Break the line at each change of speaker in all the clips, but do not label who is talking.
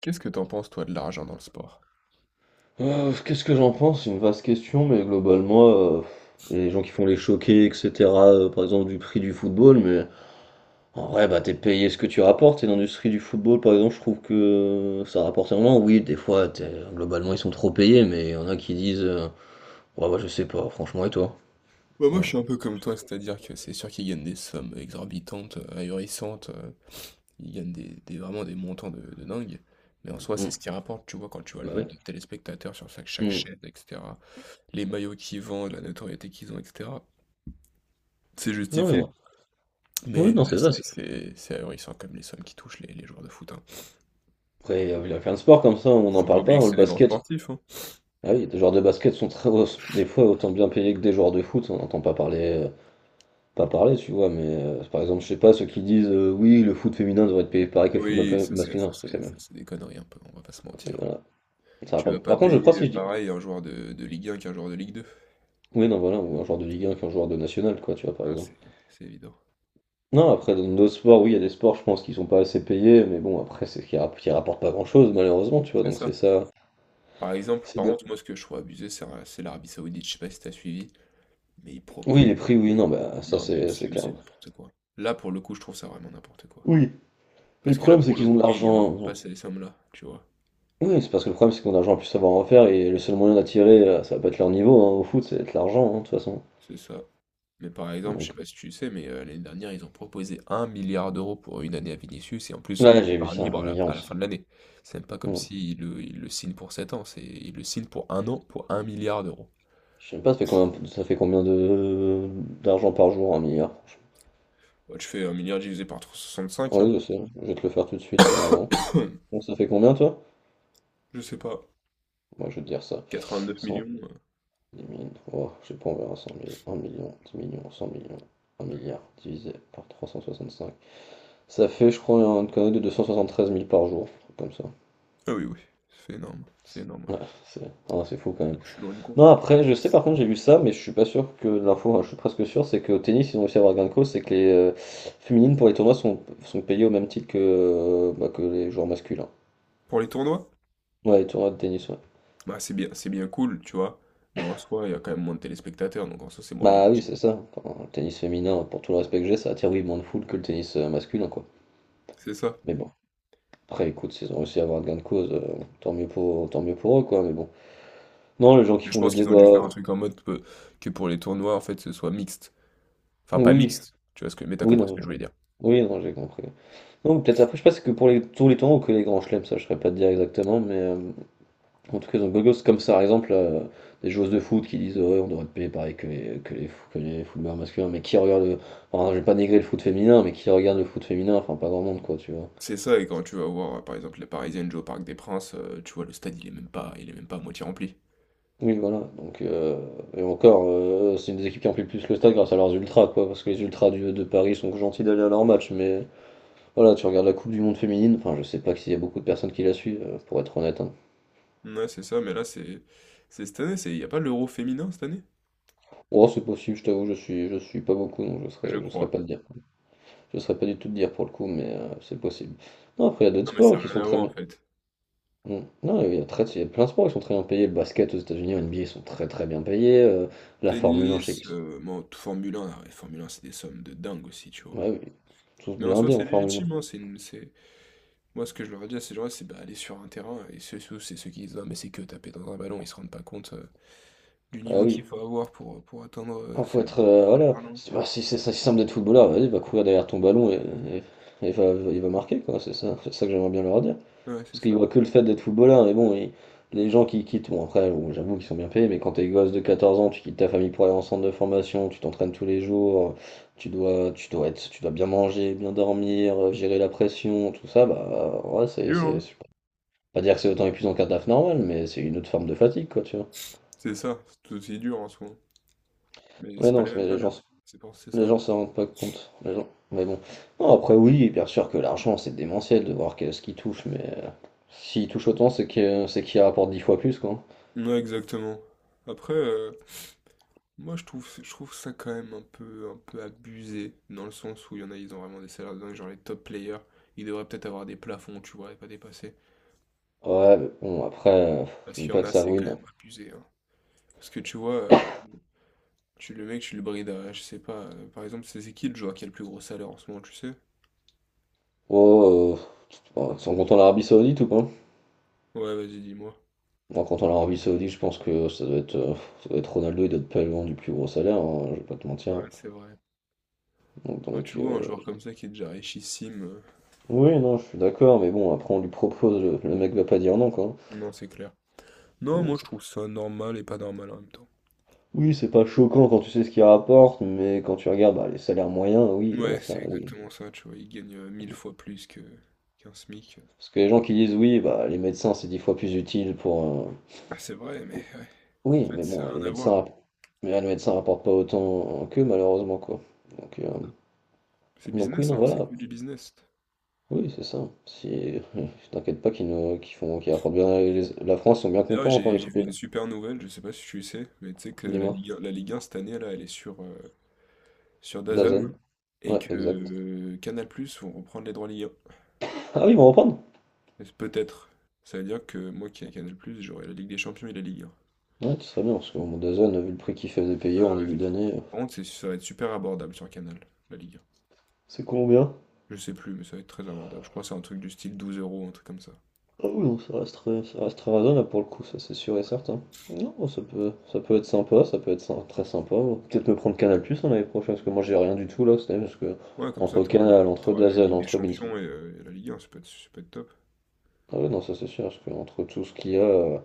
Qu'est-ce que t'en penses, toi, de l'argent dans le sport?
Qu'est-ce que j'en pense? C'est une vaste question, mais globalement, les gens qui font les choquer, etc., par exemple du prix du football, mais en vrai, bah, t'es payé ce que tu rapportes, et dans l'industrie du football, par exemple, je trouve que ça rapporte énormément. Oui, des fois, globalement, ils sont trop payés, mais il y en a qui disent, ouais, bah, je sais pas, franchement, et toi?
Bah, moi,
Voilà.
je suis un peu comme toi, c'est-à-dire que c'est sûr qu'ils gagnent des sommes exorbitantes, ahurissantes, ils gagnent vraiment des montants de dingue, mais en soi, c'est
Mm.
ce qui rapporte, tu vois, quand tu vois le
Bah oui.
nombre de téléspectateurs sur chaque
Mm.
chaîne, etc., les maillots qu'ils vendent, la notoriété qu'ils ont, etc., c'est
Non, mais
justifié.
ouais. Oui,
Mais
non,
ouais,
c'est
c'est
ça.
vrai que c'est ahurissant comme les sommes qui touchent les joueurs de foot, hein.
Après, il y a plein de sports comme ça, on n'en
Faut pas
parle pas,
oublier que
hein, le
c'est des grands
basket.
sportifs, hein.
Ah oui, des joueurs de basket sont très, des fois autant bien payés que des joueurs de foot, on n'entend pas parler pas parler, tu vois, mais par exemple, je sais pas, ceux qui disent oui, le foot féminin devrait être payé pareil que le foot
Oui, ça c'est
masculin,
ça
parce que c'est
c'est ça,
même.
c'est des conneries un peu, on va pas se
Et
mentir.
voilà. Ça va
Tu
pas.
vas pas
Par contre, je crois
payer
si je dis.
pareil un joueur de Ligue 1 qu'un joueur de Ligue 2.
Oui, non, voilà, ou un joueur de Ligue 1 qu'un joueur de national, quoi, tu vois, par
Ah,
exemple.
c'est évident.
Non, après, dans d'autres sports, oui, il y a des sports, je pense, qui sont pas assez payés, mais bon, après, qui rapportent pas grand-chose, malheureusement, tu vois,
C'est
donc
ça.
c'est ça,
Par exemple,
c'est
par
bien.
contre, moi, ce que je trouve abusé, c'est l'Arabie Saoudite. Je sais pas si t'as suivi, mais ils
Oui,
proposent.
les prix, oui, non, bah, ça,
Non, mais
c'est
c'est
clair.
c'est n'importe quoi. Là, pour le coup, je trouve ça vraiment n'importe quoi.
Oui, mais le
Parce que là,
problème, c'est
pour le
qu'ils ont de
coup, ils rapportent pas
l'argent.
ces sommes-là, tu vois.
Oui, c'est parce que le problème, c'est qu'on a de l'argent à plus savoir en faire, et le seul moyen d'attirer, ça va pas être leur niveau, hein, au foot, c'est être l'argent, hein, de toute façon.
C'est ça. Mais par exemple, je sais
Donc,
pas si tu sais, mais l'année dernière, ils ont proposé un milliard d'euros pour une année à Vinicius, et en plus,
ouais, j'ai vu
par
ça,
libre
un
à la, à
milliard.
la
Ça.
fin de l'année. C'est même pas comme
Hmm.
s'ils le signent pour 7 ans, c'est ils le signent pour un an, pour un milliard d'euros.
Je sais pas, ça fait combien de d'argent par jour, un milliard? Franchement.
Bah, tu fais un milliard divisé par 65, hein.
Ouais, je sais, je vais te le faire tout de suite, carrément. Bon, ça fait combien, toi?
Je sais pas.
Moi, je vais te dire ça.
quatre-vingt-neuf
100.
millions.
10 000, oh, je sais pas, on verra 100 000, 1 million, 10 millions, 100 millions, un milliard, divisé par 365. Ça fait, je crois, un connerie de 273 000 par jour, un truc comme ça.
Ah oui, oui, c'est énorme,
Ouais,
ouais.
c'est ah, c'est fou quand même.
Bon, je suis loin du compte,
Non,
mais...
après, je sais par contre, j'ai vu ça, mais je suis pas sûr que de l'info, hein, je suis presque sûr, c'est qu'au tennis, ils ont réussi à avoir gain de cause, c'est que les féminines pour les tournois sont, sont payées au même titre que, bah, que les joueurs masculins.
Pour les tournois,
Ouais, les tournois de tennis, ouais.
bah, c'est bien cool, tu vois. Mais en soi, il y a quand même moins de téléspectateurs, donc en soi, c'est moins
Bah oui,
légitime.
c'est ça. Enfin, le tennis féminin, pour tout le respect que j'ai, ça attire oui moins de foule que le tennis masculin, quoi.
C'est ça.
Mais bon, après, écoute, s'ils ont réussi à avoir gain de cause, tant mieux pour eux, quoi. Mais bon. Non, les gens qui
Mais je
font des
pense qu'ils ont dû
débats,
faire un truc en mode que pour les tournois, en fait, ce soit mixte. Enfin, pas
oui,
mixte, tu vois, ce que... mais t'as
oui,
compris ce que je voulais dire.
oui, non, j'ai compris. Non, peut-être après, je sais pas, si c'est que pour les, tous les tournois ou que les grands chelems, ça, je saurais pas te dire exactement, mais. En tout cas, dans Gogos, comme ça, par exemple, des joueuses de foot qui disent ouais, on devrait être payé pareil que que les footballeurs masculins, mais qui regardent. Enfin, je vais pas négrer le foot féminin, mais qui regarde le foot féminin, enfin, pas grand monde, quoi, tu vois.
C'est ça, et quand tu vas voir, par exemple, les Parisiennes jouer au Parc des Princes, tu vois, le stade, il est même pas à moitié rempli.
Oui, voilà. Donc, et encore, c'est une des équipes qui remplit le plus le stade grâce à leurs ultras, quoi, parce que les ultras de Paris sont gentils d'aller à leur match, mais voilà, tu regardes la Coupe du Monde féminine, enfin, je sais pas s'il y a beaucoup de personnes qui la suivent, pour être honnête. Hein.
Ouais, c'est ça, mais là, c'est... C'est cette année, c'est... Il n'y a pas l'Euro féminin cette année?
Oh, c'est possible, je t'avoue, je suis pas beaucoup, donc
Je
je serais
crois.
pas le dire. Je ne saurais pas du tout te dire pour le coup, mais c'est possible. Non, après, il y a d'autres
Non, mais
sports
ça n'a
qui sont
rien à
très
voir, en
bien.
fait.
Mm. Non, il y a très, il y a plein de sports qui sont très bien payés. Le basket aux États-Unis, en NBA, ils sont très bien payés. La Formule 1, je sais
Tennis,
qu'ils sont.
Formule 1, ah ouais, Formule 1, c'est des sommes de dingue aussi, tu vois.
Ouais, oui. Ils sont tous
Mais en soi,
blindés
c'est
en Formule 1.
légitime, hein, moi, ce que je leur dis à ces gens-là, c'est bah, aller sur un terrain, et c'est ceux qui disent, non, mais c'est que taper dans un ballon, ils se rendent pas compte du
Ah
niveau
oui.
qu'il faut avoir pour atteindre
Il
ces
faut être.
ces
Voilà.
talents.
Si, bah, si c'est si simple d'être footballeur, vas-y, va courir derrière ton ballon et- et va, il va marquer, quoi. C'est ça que j'aimerais bien leur dire.
Ouais, c'est
Parce qu'ils
ça.
voient que le fait d'être footballeur, mais bon, et les gens qui quittent, bon après, bon, j'avoue qu'ils sont bien payés, mais quand t'es gosse de 14 ans, tu quittes ta famille pour aller en centre de formation, tu t'entraînes tous les jours, tu dois bien manger, bien dormir, gérer la pression, tout ça, bah ouais,
C'est dur, hein?
pas dire que c'est autant épuisant qu'un taf normal, mais c'est une autre forme de fatigue, quoi, tu vois.
C'est ça, c'est tout aussi dur en soi. Mais
Mais
c'est pas
non,
les
mais
mêmes
les gens,
salaires.
s-
C'est ça.
les
Là.
gens s'en rendent pas compte, les gens. Mais bon, non, après oui, bien sûr que l'argent c'est démentiel de voir ce qui touche, mais s'il touche autant, c'est qu'il rapporte 10 fois plus, quoi.
Ouais, exactement. Après, moi, je trouve ça quand même un peu abusé, dans le sens où il y en a, ils ont vraiment des salaires de dingue, genre les top players, ils devraient peut-être avoir des plafonds, tu vois, et pas dépasser.
Ouais, mais bon, après,
Parce
je dis
qu'il y en
pas que
a,
ça
c'est quand
ruine.
même abusé, hein. Parce que tu vois, tu le brides à, je sais pas, par exemple, c'est qui le joueur qui a le plus gros salaire en ce moment, tu sais?
Oh, ouais, sans compter l'Arabie Saoudite ou pas?
Ouais, vas-y, dis-moi.
Bon, en comptant l'Arabie Saoudite, je pense que ça doit être Ronaldo, il doit être pas loin du plus gros salaire, hein, je vais pas te mentir.
Ouais, c'est vrai.
Donc,
Quand
donc
tu vois un
euh,
joueur comme ça qui est déjà richissime,
oui, non, je suis d'accord, mais bon, après on lui propose, le mec va pas dire non, quoi.
non, c'est clair. Non,
Donc,
moi, je
c'est-
trouve ça normal et pas normal en même temps.
oui, c'est pas choquant quand tu sais ce qu'il rapporte, mais quand tu regardes bah, les salaires moyens, oui, là,
Ouais,
ça,
c'est
oui.
exactement ça, tu vois, il gagne mille fois plus que qu'un SMIC.
Parce que les gens qui disent oui, bah, les médecins, c'est 10 fois plus utile pour,
Bah, c'est vrai, mais en
oui,
fait,
mais
ça n'a
bon,
rien à voir.
mais les médecins rapportent pas autant qu'eux, malheureusement, quoi. Donc, euh,
C'est
donc oui,
business,
non,
hein, c'est
voilà.
que du business.
Oui, c'est ça. Si, t'inquiète pas qu'ils nous, qu'ils font, qu'ils rapportent bien la France, ils sont bien
D'ailleurs,
contents quand
j'ai
il
j'ai
faut.
vu une super nouvelle, je sais pas si tu sais, mais tu sais que la
Dis-moi.
Ligue, 1 la Ligue 1 cette année, là, elle est sur DAZN
Dazen.
et
Ouais,
que
exact.
Canal+ vont reprendre les droits Ligue 1.
Ah oui, ils vont reprendre.
Et peut-être. Ça veut dire que moi qui ai Canal+, j'aurai la Ligue des Champions et la Ligue 1.
Ouais, ce serait bien, parce que bon, Dazen, vu le prix qu'il faisait payer
Ah
en
ouais.
début d'année,
Par contre, ça va être super abordable sur Canal, la Ligue 1.
c'est combien?
Je sais plus, mais ça va être très abordable. Je crois que c'est un truc du style 12 euros, un truc comme ça.
Ah oui, non, ça reste très raisonnable pour le coup, ça c'est sûr et certain. Non, bah, ça peut être sympa, ça peut être sy- très sympa. Ouais. Peut-être me prendre Canal Plus l'année prochaine, parce que moi j'ai rien du tout là, c'est parce que
Ouais, comme ça,
entre Canal, entre
t'auras la
DAZN,
Ligue des
entre Beansport.
Champions et la Ligue 1, ça peut être top.
Ah ouais, non, ça c'est sûr, parce que entre tout ce qu'il y a,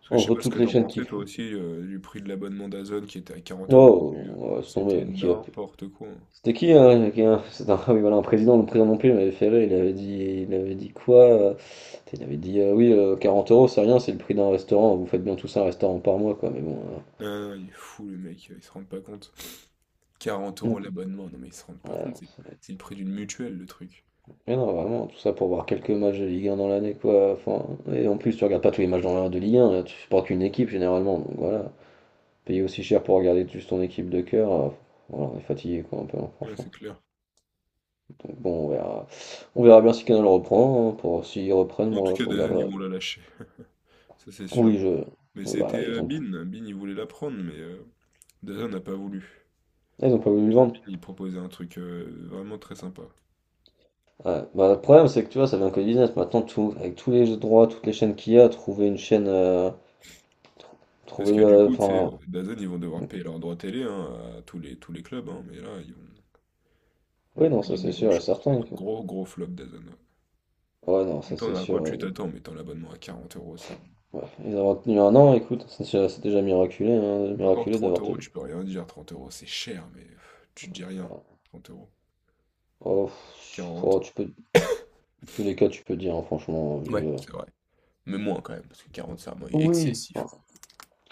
Parce que je sais
entre
pas ce
toutes
que
les
t'en
chaînes qui
pensais, toi
font.
aussi, du prix de l'abonnement d'Azone qui était à 40 euros au
Oh,
début,
on va se
c'était
tomber, qui a.
n'importe quoi, hein.
C'est un, ah oui, voilà, un président, le président non plus, il m'avait fait rire, il avait dit quoi? Il avait dit, oui, 40 euros, c'est rien, c'est le prix d'un restaurant, vous faites bien tout ça, un restaurant par mois, quoi, mais bon.
Ah non, il est fou le mec, il se rend pas compte. 40
euh,
euros l'abonnement, non mais ils se rendent pas
Ouais,
compte,
non,
c'est
c'est-
c'est le prix d'une mutuelle le truc.
mais non, vraiment, tout ça pour voir quelques matchs de Ligue 1 dans l'année, quoi. Enfin, et en plus, tu regardes pas tous les matchs dans de Ligue 1, là, tu supportes qu'une équipe généralement, donc voilà. Payer aussi cher pour regarder juste ton équipe de cœur, voilà, on est fatigué, quoi, un peu, hein,
Ouais,
franchement.
c'est clair.
Donc bon, on verra bien si Canal reprend. Hein, pour s'ils reprennent,
En tout
moi, je
cas, DAZN ils
regarderai.
vont la lâcher, ça c'est
Oui,
sûr.
je.
Mais
Oui,
c'était
voilà,
Bin il voulait la prendre, mais DAZN n'a pas voulu.
ils ont pas voulu le
Tant
vendre.
Bin il proposait un truc vraiment très sympa.
Ouais, bah, le problème, c'est que tu vois, ça devient que du business. Maintenant, tout, avec tous les droits, toutes les chaînes qu'il y a, trouver une chaîne.
Parce que
Trouver.
du coup, tu sais,
Enfin.
DAZN ils vont devoir payer leurs droits télé, hein, à tous les clubs, hein, mais là ils vont. Ils
Oui,
ont
non,
pas
ça
gagné
c'est sûr et
grand-chose. C'est un
certain.
gros, gros flop d'Azona. En
Ouais, non,
même
ça c'est
temps, à quoi
sûr.
tu
Ouais.
t'attends en mettant l'abonnement à 40 euros, c'est
Ouais. Ils ont tenu un an, écoute, c'est déjà miraculé, hein,
encore que
miraculé
30
d'avoir
euros,
tenu.
tu peux rien dire. 30 euros, c'est cher, mais pff, tu dis rien. 30 euros.
Oh, pff, oh,
40.
tu peux, dans tous les cas, tu peux dire, hein, franchement.
Ouais, c'est vrai. Mais moins quand même, parce que 40, c'est vraiment
Oui.
excessif.
Enfin,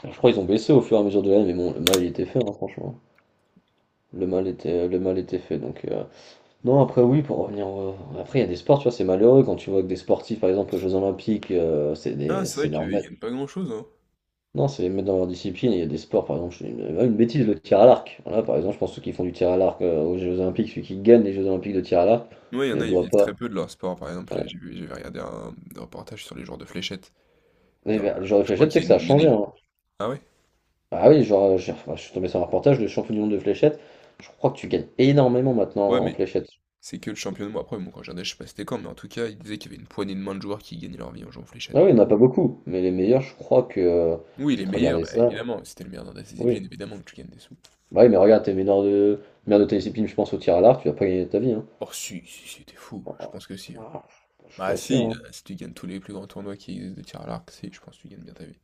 je crois qu'ils ont baissé au fur et à mesure de l'année, mais bon, le mal il était fait, hein, franchement. Le mal était fait. Non, après oui, pour revenir, après il y a des sports, tu vois, c'est malheureux quand tu vois que des sportifs, par exemple aux Jeux Olympiques,
Ah, c'est
c'est
vrai
leur
qu'ils gagnent pas grand-chose, hein.
non, c'est les mettre dans leur discipline. Il y a des sports, par exemple, je fais une bêtise, le tir à l'arc. Voilà, par exemple, je pense que ceux qui font du tir à l'arc aux Jeux Olympiques, celui qui gagne les Jeux Olympiques de tir à l'arc
Ouais, il y en
ne
a, ils
doit
vivent
pas.
très peu de leur sport. Par exemple,
Ouais.
j'avais regardé un reportage sur les joueurs de fléchettes. Il
Mais,
y en a-
bah, le genre de
Je crois
fléchette, c'est
qu'il
que
y, a
ça a
une- il y en a
changé.
une.
Hein.
Ah ouais?
Ah oui, genre, enfin, je suis tombé sur un reportage, le champion du monde de fléchette. Je crois que tu gagnes énormément maintenant
Ouais,
en
mais
fléchette.
c'est que le championnat. Bon, après, bon, quand je regardais, je sais pas si c'était quand, mais en tout cas, ils disaient qu'il y avait une poignée de main de joueurs qui gagnaient leur vie en jouant aux
Ah
fléchettes.
oui, il n'y en a pas beaucoup, mais les meilleurs, je crois que.
Oui,
Je
il est
vais te
meilleur,
regarder
bah,
ça.
évidemment. C'était le meilleur dans ta discipline,
Oui.
évidemment que tu gagnes des sous.
Bah oui, mais regarde, meilleur de ta discipline, je pense, au tir à l'arc, tu vas pas gagner ta vie. Hein.
Oh, si, si, si, t'es fou.
Oh,
Je
oh,
pense que si, hein.
oh, je suis
Bah,
pas sûr.
si,
Hein.
si tu gagnes tous les plus grands tournois qui existent de tir à l'arc, si, je pense que tu gagnes bien ta vie.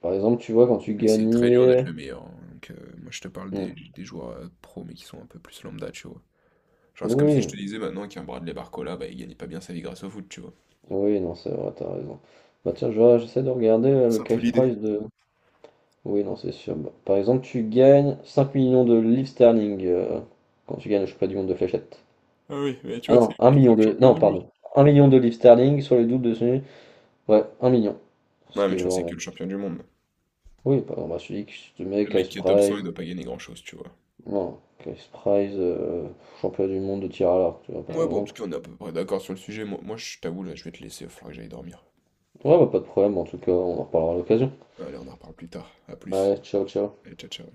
Par exemple, tu vois, quand tu
Mais c'est très dur d'être
gagnais.
le meilleur, hein. Donc, moi, je te parle
Mm.
des joueurs pro, mais qui sont un peu plus lambda, tu vois. Genre, c'est comme si je
Oui,
te disais maintenant qu'un Bradley Barcola, bah, il gagnait pas bien sa vie grâce au foot, tu vois.
oui, non, c'est vrai, t'as raison. Bah tiens, j'essaie de regarder le
C'est un peu
cash
l'idée.
prize de. Oui, non, c'est sûr. Bah, par exemple, tu gagnes 5 millions de livres sterling quand tu gagnes le championnat du monde de fléchettes.
Ah oui, mais tu
Ah
vois, c'est
non, un
c'est
million
le
de.
champion
Non,
du monde.
pardon. Un million de livres sterling sur les doubles de celui. Ouais, un million. Ce
Ouais, mais
qui est
tu vois, c'est que
vraiment.
le champion du monde.
Oui, par exemple, bah, je te mets
Le mec
cash
qui est top 100, il
prize.
doit pas gagner grand-chose, tu vois.
Non, cash prize, championnat du monde de tir à l'arc, tu vois, par
Ouais, bon, en tout
exemple.
cas, on est à peu près d'accord sur le sujet. Moi, je t'avoue, là, je vais te laisser, il va falloir que j'aille dormir.
Ouais, bah, pas de problème, en tout cas, on en reparlera à l'occasion.
Allez, on en reparle plus tard. À plus.
Allez, ciao, ciao.
Allez, ciao, ciao.